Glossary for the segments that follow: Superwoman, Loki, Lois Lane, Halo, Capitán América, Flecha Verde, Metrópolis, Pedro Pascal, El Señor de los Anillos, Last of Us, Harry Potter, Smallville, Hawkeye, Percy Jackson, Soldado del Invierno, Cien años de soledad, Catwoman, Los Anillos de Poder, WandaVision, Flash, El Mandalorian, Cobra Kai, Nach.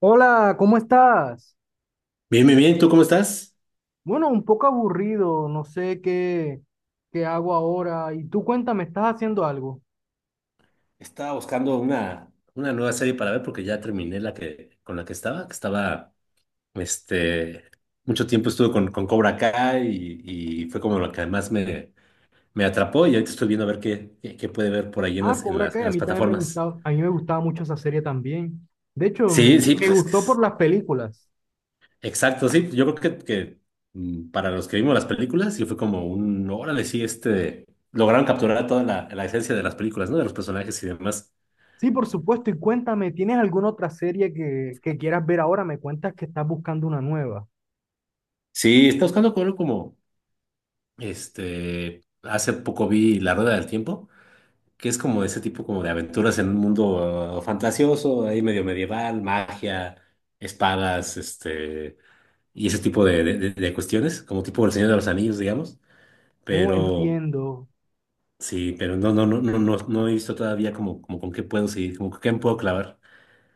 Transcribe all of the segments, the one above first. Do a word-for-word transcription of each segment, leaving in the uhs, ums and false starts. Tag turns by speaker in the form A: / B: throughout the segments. A: Hola, ¿cómo estás?
B: Bien, bien, bien. ¿Tú cómo estás?
A: Bueno, un poco aburrido, no sé qué, qué hago ahora. Y tú cuéntame, ¿estás haciendo algo?
B: Estaba buscando una, una nueva serie para ver porque ya terminé la que con la que estaba, que estaba, este, mucho tiempo estuve con, con Cobra Kai y, y fue como lo que además me, me atrapó y ahorita estoy viendo a ver qué, qué, qué puede ver por ahí en
A: Ah,
B: las, en
A: Cobra
B: las,
A: Kai,
B: en
A: a
B: las
A: mí también me
B: plataformas.
A: gustaba, a mí me gustaba mucho esa serie también. De hecho,
B: Sí,
A: me,
B: sí,
A: me
B: pues,
A: gustó por
B: es-
A: las películas.
B: exacto, sí. Yo creo que, que mm, para los que vimos las películas, sí fue como un, órale, sí, este, lograron capturar toda la, la esencia de las películas, ¿no? De los personajes y demás.
A: Sí, por supuesto. Y cuéntame, ¿tienes alguna otra serie que, que quieras ver ahora? Me cuentas que estás buscando una nueva.
B: Sí, está buscando como, como Este, hace poco vi La Rueda del Tiempo, que es como ese tipo como de aventuras en un mundo ah, fantasioso, ahí medio medieval, magia, espadas, este, y ese tipo de, de- de- de cuestiones, como tipo El Señor de los Anillos, digamos.
A: No
B: Pero
A: entiendo.
B: sí, pero no, no, no, no, no, no he visto todavía como, como con qué puedo seguir, como con qué me puedo clavar.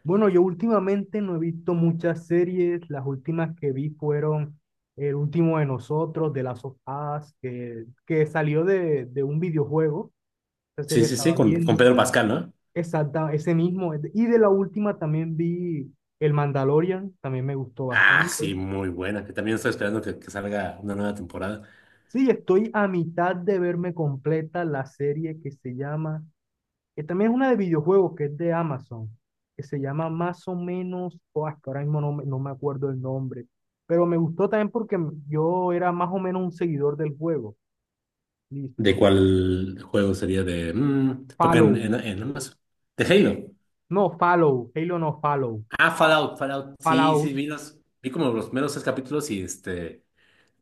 A: Bueno, yo últimamente no he visto muchas series. Las últimas que vi fueron El último de nosotros, de Last of Us, que, que salió de, de un videojuego. Esa
B: Sí,
A: serie
B: sí, sí,
A: estaba
B: con, con
A: viendo.
B: Pedro Pascal, ¿no?
A: Exacta, ese mismo. Y de la última también vi El Mandalorian, también me gustó
B: Ah,
A: bastante.
B: sí, muy buena, que también estoy esperando que, que salga una nueva temporada.
A: Sí, estoy a mitad de verme completa la serie que se llama que también es una de videojuegos que es de Amazon, que se llama más o menos, oh, es que ahora mismo no, me- no me acuerdo el nombre, pero me gustó también porque m- yo era más o menos un seguidor del juego.
B: ¿De
A: Listo.
B: cuál juego sería de...? mm, porque en,
A: Follow.
B: en, en Amazon. De Halo.
A: No, follow. Halo no, follow.
B: Ah, Fallout, Fallout. Sí, sí,
A: Fallout.
B: vi, los- vi como los primeros tres capítulos y este,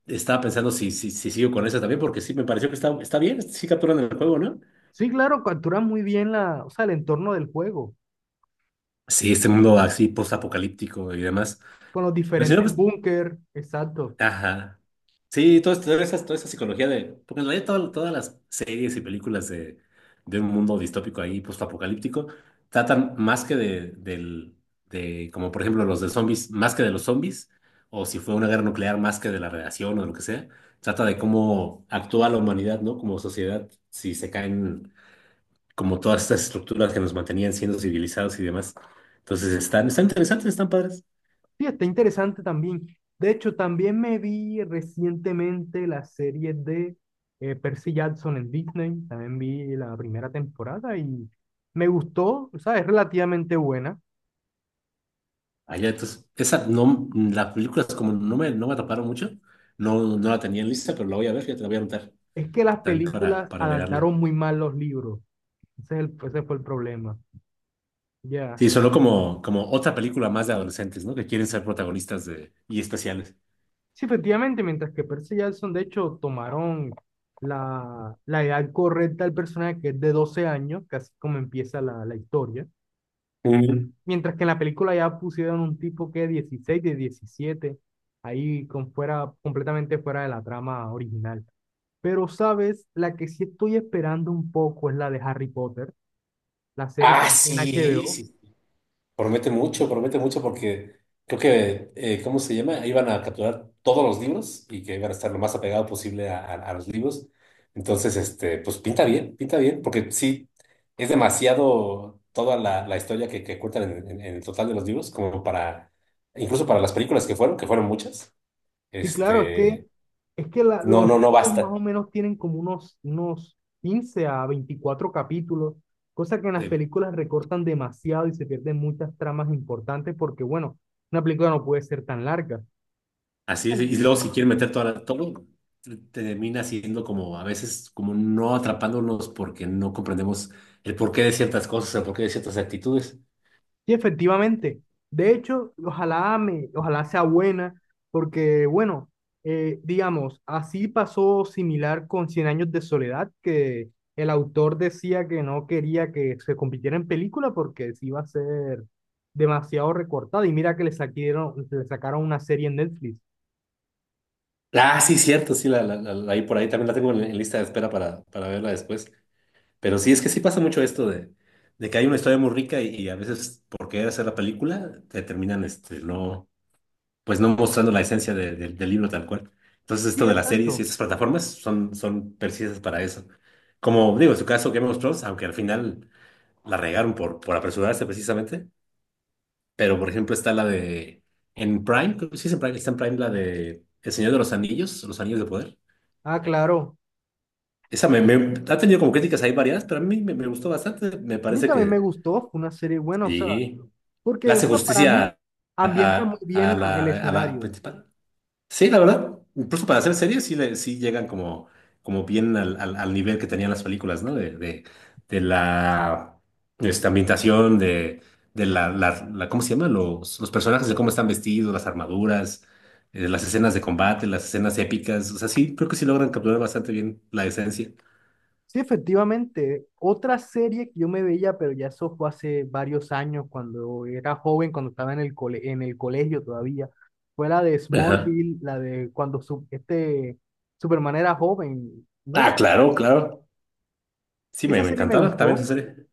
B: estaba pensando si, si, si sigo con esa también, porque sí, me pareció que está, está bien, sí capturan el juego, ¿no?
A: Sí, claro, captura muy bien la, o sea, el entorno del juego,
B: Sí, este mundo así post-apocalíptico y demás.
A: con los
B: Pero si no,
A: diferentes
B: pues...
A: búnker, exacto.
B: Ajá. Sí, toda, toda esa, toda esa psicología de... Porque en realidad todas, todas las series y películas de, de un mundo distópico ahí, postapocalíptico, tratan más que de, del, de, como por ejemplo los de zombies, más que de los zombies, o si fue una guerra nuclear, más que de la radiación o lo que sea, trata de cómo actúa la humanidad, ¿no? Como sociedad, si se caen como todas estas estructuras que nos mantenían siendo civilizados y demás. Entonces están, están interesantes, están padres.
A: Sí, está interesante también. De hecho, también me vi recientemente la serie de eh, Percy Jackson en Disney. También vi la primera temporada y me gustó, o sea, es relativamente buena.
B: Allá, entonces, esa no, las películas como no me, no me atraparon mucho, no, no la tenía en lista, pero la voy a ver, ya te la voy a anotar
A: Es que las
B: también para,
A: películas
B: para agregarla.
A: adaptaron muy mal los libros. Ese, es el- ese fue el problema. Ya.
B: Sí, sonó como, como otra película más de adolescentes, ¿no? Que quieren ser protagonistas de, y especiales.
A: Sí, efectivamente, mientras que Percy Jackson, de hecho, tomaron la, la edad correcta del personaje, que es de doce años, casi como empieza la, la historia.
B: Mm.
A: Mientras que en la película ya pusieron un tipo que dieciséis de diecisiete ahí con fuera, completamente fuera de la trama original. Pero, ¿sabes? La que sí estoy esperando un poco es la de Harry Potter, la serie que
B: Ah,
A: está en H B
B: sí,
A: O
B: sí. Promete mucho, promete mucho porque creo que, eh, ¿cómo se llama? Iban a capturar todos los libros y que iban a estar lo más apegado posible a, a- a los libros. Entonces, este, pues pinta bien, pinta bien, porque sí, es demasiado toda la, la historia que, que cuentan en, en- en el total de los libros, como para, incluso para las películas que fueron, que fueron muchas,
A: Sí, claro, es que,
B: este,
A: es que la-
B: no,
A: los
B: no, no
A: libros más o
B: basta.
A: menos tienen como unos, unos quince a veinticuatro capítulos, cosa que en las películas recortan demasiado y se pierden muchas tramas importantes porque, bueno, una película no puede ser tan larga.
B: Así es, y luego si quieren meter toda la- todo, te- termina siendo como a veces como no atrapándonos porque no comprendemos el porqué de ciertas cosas, el porqué de ciertas actitudes.
A: Y efectivamente, de hecho, ojalá me, ojalá sea buena, porque bueno, eh, digamos, así pasó similar con Cien años de soledad, que el autor decía que no quería que se convirtiera en película porque se iba a ser demasiado recortada. Y mira que le sacaron, le sacaron una serie en Netflix.
B: Ah, sí, cierto, sí, la, la, la- la- ahí por ahí también la tengo en, en lista de espera para, para verla después. Pero sí, es que sí pasa mucho esto de, de que hay una historia muy rica y, y a veces por querer hacer la película te terminan este, no, pues no mostrando la esencia de- de- del libro tal cual. Entonces,
A: Sí,
B: esto de las series y
A: exacto.
B: esas plataformas son, son precisas para eso. Como digo, en su caso, Game of Thrones, aunque al final la regaron por, por apresurarse precisamente, pero por ejemplo está la de, en Prime, creo que sí es en Prime, está en Prime la de El Señor de los Anillos, Los Anillos de Poder.
A: Ah, claro.
B: Esa me, me- ha tenido como críticas ahí variadas, pero a mí me, me gustó bastante. Me
A: A mí
B: parece
A: también me
B: que
A: gustó, fue una serie buena, o sea,
B: sí, le
A: porque o
B: hace
A: sea, para mí
B: justicia a,
A: ambienta
B: a-
A: muy bien
B: a
A: la- el
B: la, a la
A: escenario.
B: principal. Sí, la verdad, incluso para hacer series sí, le, sí llegan como, como bien al, al, al nivel que tenían las películas, ¿no? De, de, de la esta ambientación, de, de la, la, la- ¿cómo se llama? Los, los personajes, de cómo están vestidos, las armaduras, eh, las escenas de combate, las escenas épicas. O sea, sí, creo que sí logran capturar bastante bien la esencia.
A: Sí, efectivamente. Otra serie que yo me veía, pero ya eso fue hace varios años, cuando era joven, cuando estaba en el cole- en el colegio todavía, fue la de
B: Ajá.
A: Smallville, la de cuando su- este Superman era joven. ¿No te-
B: Ah, claro, claro. Sí, me,
A: Esa
B: me
A: serie me
B: encantaba también
A: gustó.
B: esa serie.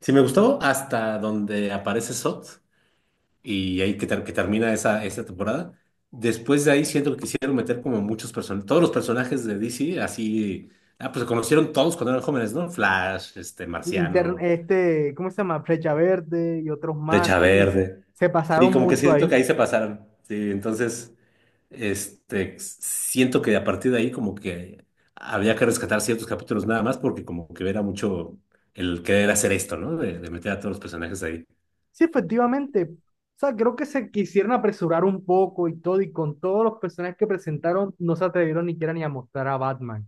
B: Sí, me gustó hasta donde aparece Sot, y ahí que, ter- que termina esa, esa temporada. Después de ahí siento que quisieron meter como muchos personajes, todos los personajes de D C, así, ah, pues se conocieron todos cuando eran jóvenes, ¿no? Flash, este,
A: Linter-
B: Marciano,
A: este, ¿Cómo se llama? Flecha Verde y otros más,
B: Flecha
A: sí.
B: Verde.
A: Se
B: Sí,
A: pasaron
B: como que
A: mucho
B: siento
A: ahí.
B: que ahí se pasaron. Sí, entonces, este, siento que a partir de ahí como que había que rescatar ciertos capítulos nada más porque como que era mucho el querer hacer esto, ¿no? De, de meter a todos los personajes ahí.
A: Sí, efectivamente. O sea, creo que se quisieron apresurar un poco y todo, y con todos los personajes que presentaron, no se atrevieron ni siquiera ni a mostrar a Batman.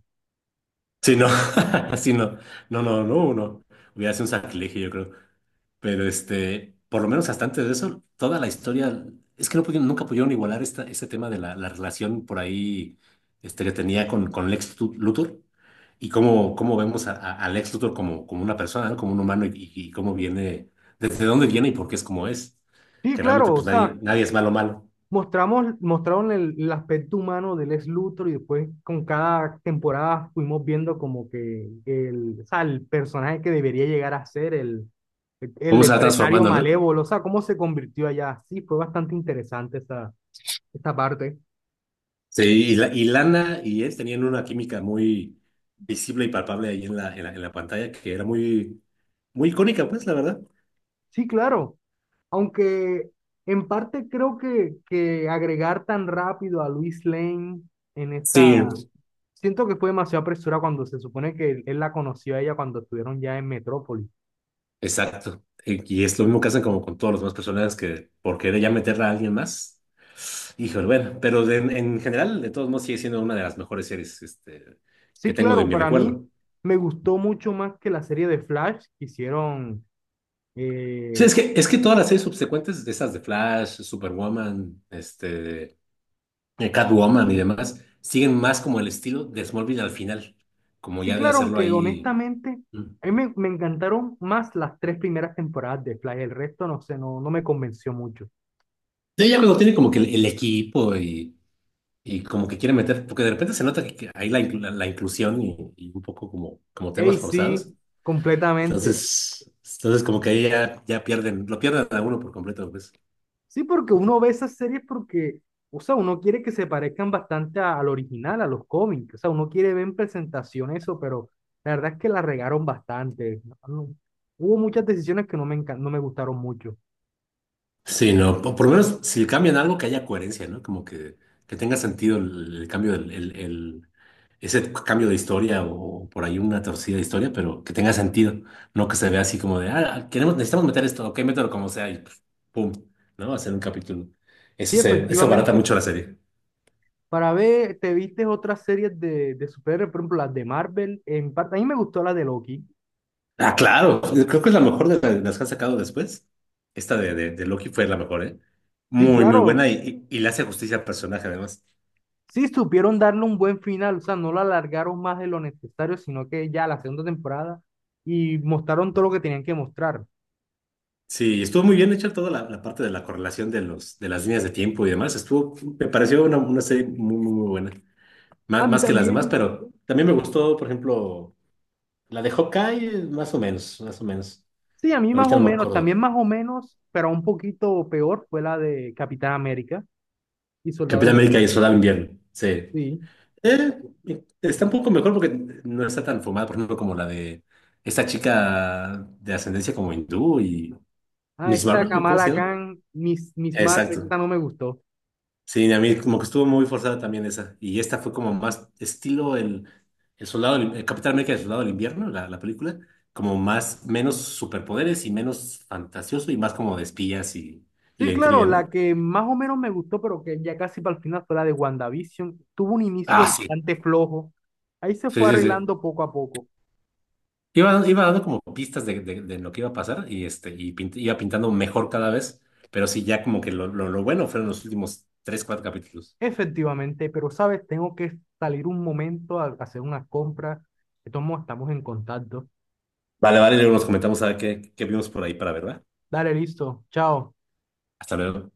B: Sí, no, sí, no, no, no, no, uno hubiera sido un sacrilegio, yo creo. Pero este, por lo menos hasta antes de eso, toda la historia, es que no pudieron, nunca pudieron igualar esta, este tema de la, la relación por ahí este, que tenía con, con Lex Tut- Luthor y cómo, cómo vemos a, a- a Lex Luthor como, como una persona, ¿no? Como un humano y, y y cómo viene, desde dónde viene y por qué es como es.
A: Sí,
B: Que realmente
A: claro, o
B: pues
A: sea,
B: nadie, nadie es malo malo.
A: mostramos, mostraron el, el aspecto humano del ex Luthor y después con cada temporada fuimos viendo como que el, o sea, el personaje que debería llegar a ser el, el,
B: Cómo se va
A: empresario
B: transformando, ¿no?
A: malévolo, o sea, cómo se convirtió allá. Sí, fue bastante interesante esa, esta parte.
B: Sí, y, la- y Lana y él tenían una química muy visible y palpable ahí en la, en la, en la pantalla que era muy, muy icónica, pues, la verdad.
A: Sí, claro, aunque en parte creo que, que agregar tan rápido a Luis Lane en esta.
B: Sí,
A: Siento que fue demasiado apresurado cuando se supone que él, él la conoció a ella cuando estuvieron ya en Metrópolis.
B: exacto. Y y es lo mismo que hacen como con todos los demás personajes que por querer ya meterla a alguien más. Híjole, bueno, pero de- en general, de todos modos, sigue siendo una de las mejores series este, que
A: Sí,
B: tengo de
A: claro,
B: mi
A: para mí
B: recuerdo.
A: me gustó mucho más que la serie de Flash que hicieron.
B: Sí,
A: eh,
B: es que, es que todas las series subsecuentes, de esas de Flash, Superwoman, este, de Catwoman y demás, siguen más como el estilo de Smallville al final, como
A: Sí,
B: ya de
A: claro,
B: hacerlo
A: aunque
B: ahí.
A: honestamente
B: Mm.
A: a mí me, me encantaron más las tres primeras temporadas de Flash, el resto no sé, no, no me convenció mucho.
B: Sí, ya cuando tiene como que el, el equipo y, y como que quiere meter, porque de repente se nota que, que hay la, inclu- la, la inclusión y, y un poco como, como
A: Ey,
B: temas
A: sí,
B: forzados.
A: completamente.
B: Entonces, entonces como que ahí ya, ya pierden, lo pierden a uno por completo, pues.
A: Sí, porque uno ve esas series porque, o sea, uno quiere que se parezcan bastante a- al original, a los cómics, o sea, uno quiere ver en presentación eso, pero la verdad es que la regaron bastante. No- no- hubo muchas decisiones que no me, encan- no me gustaron mucho.
B: Sí, no, po- por lo menos si cambian algo que haya coherencia, ¿no? Como que, que tenga sentido el, el cambio, del- el, el- ese cambio de historia o, por ahí una torcida de historia, pero que tenga sentido, no que se vea así como de, ah, ah, queremos, necesitamos meter esto, ok, mételo como sea y pf, pum, ¿no? Hacer un capítulo. Eso
A: Sí,
B: se, eso abarata
A: efectivamente.
B: mucho la serie.
A: Para ver, te viste otras series de, de superhéroes, por ejemplo, las de Marvel. En parte, a mí me gustó la de Loki.
B: Ah, claro, creo que es la mejor de la- de las que han sacado después. Esta de, de, de Loki fue la mejor, ¿eh?
A: Sí,
B: Muy, muy
A: claro.
B: buena y, y, y le hace justicia al personaje además.
A: Sí, supieron darle un buen final, o sea, no la alargaron más de lo necesario, sino que ya la segunda temporada y mostraron todo lo que tenían que mostrar.
B: Sí, estuvo muy bien hecha toda la, la parte de la correlación de los, de las líneas de tiempo y demás. Estuvo, me pareció una, una serie muy, muy, muy buena.
A: A
B: Más,
A: mí
B: más que las
A: también.
B: demás, pero también me gustó, por ejemplo, la de Hawkeye, más o menos, más o menos.
A: Sí, a mí más
B: Ahorita
A: o
B: no me
A: menos,
B: acuerdo.
A: también más o menos, pero un poquito peor fue la de Capitán América y Soldado
B: Capitán
A: del...
B: América y el Soldado del Invierno. Sí.
A: Sí.
B: Eh, está un poco mejor porque no está tan fumada, por ejemplo, como la de esta chica de ascendencia como hindú y
A: Ah,
B: Miss
A: esta
B: Marvel, ¿cómo se
A: Kamala
B: llama?
A: Khan, Miss, Miss Marvel, esta
B: Exacto.
A: no me gustó.
B: Sí, a mí como que estuvo muy forzada también esa. Y esta fue como más estilo el, el soldado, del- el Capitán América, del soldado del invierno, la, la película, como más, menos superpoderes y menos fantasioso y más como de espías y, y
A: Sí,
B: de
A: claro,
B: intriga, ¿no?
A: la que más o menos me gustó, pero que ya casi para el final fue la de WandaVision. Tuvo un inicio
B: Ah, sí.
A: bastante flojo. Ahí se
B: Sí,
A: fue
B: sí, sí.
A: arreglando poco a poco.
B: Iba, iba dando como pistas de, de- de lo que iba a pasar y, este, y pint- iba pintando mejor cada vez, pero sí, ya como que lo, lo, lo bueno fueron los últimos tres, cuatro capítulos.
A: Efectivamente, pero sabes, tengo que salir un momento a hacer unas compras. De todos modos, estamos en contacto.
B: Vale, vale, luego nos comentamos a ver qué, qué vimos por ahí para ver, ¿verdad?
A: Dale, listo. Chao.
B: Hasta luego.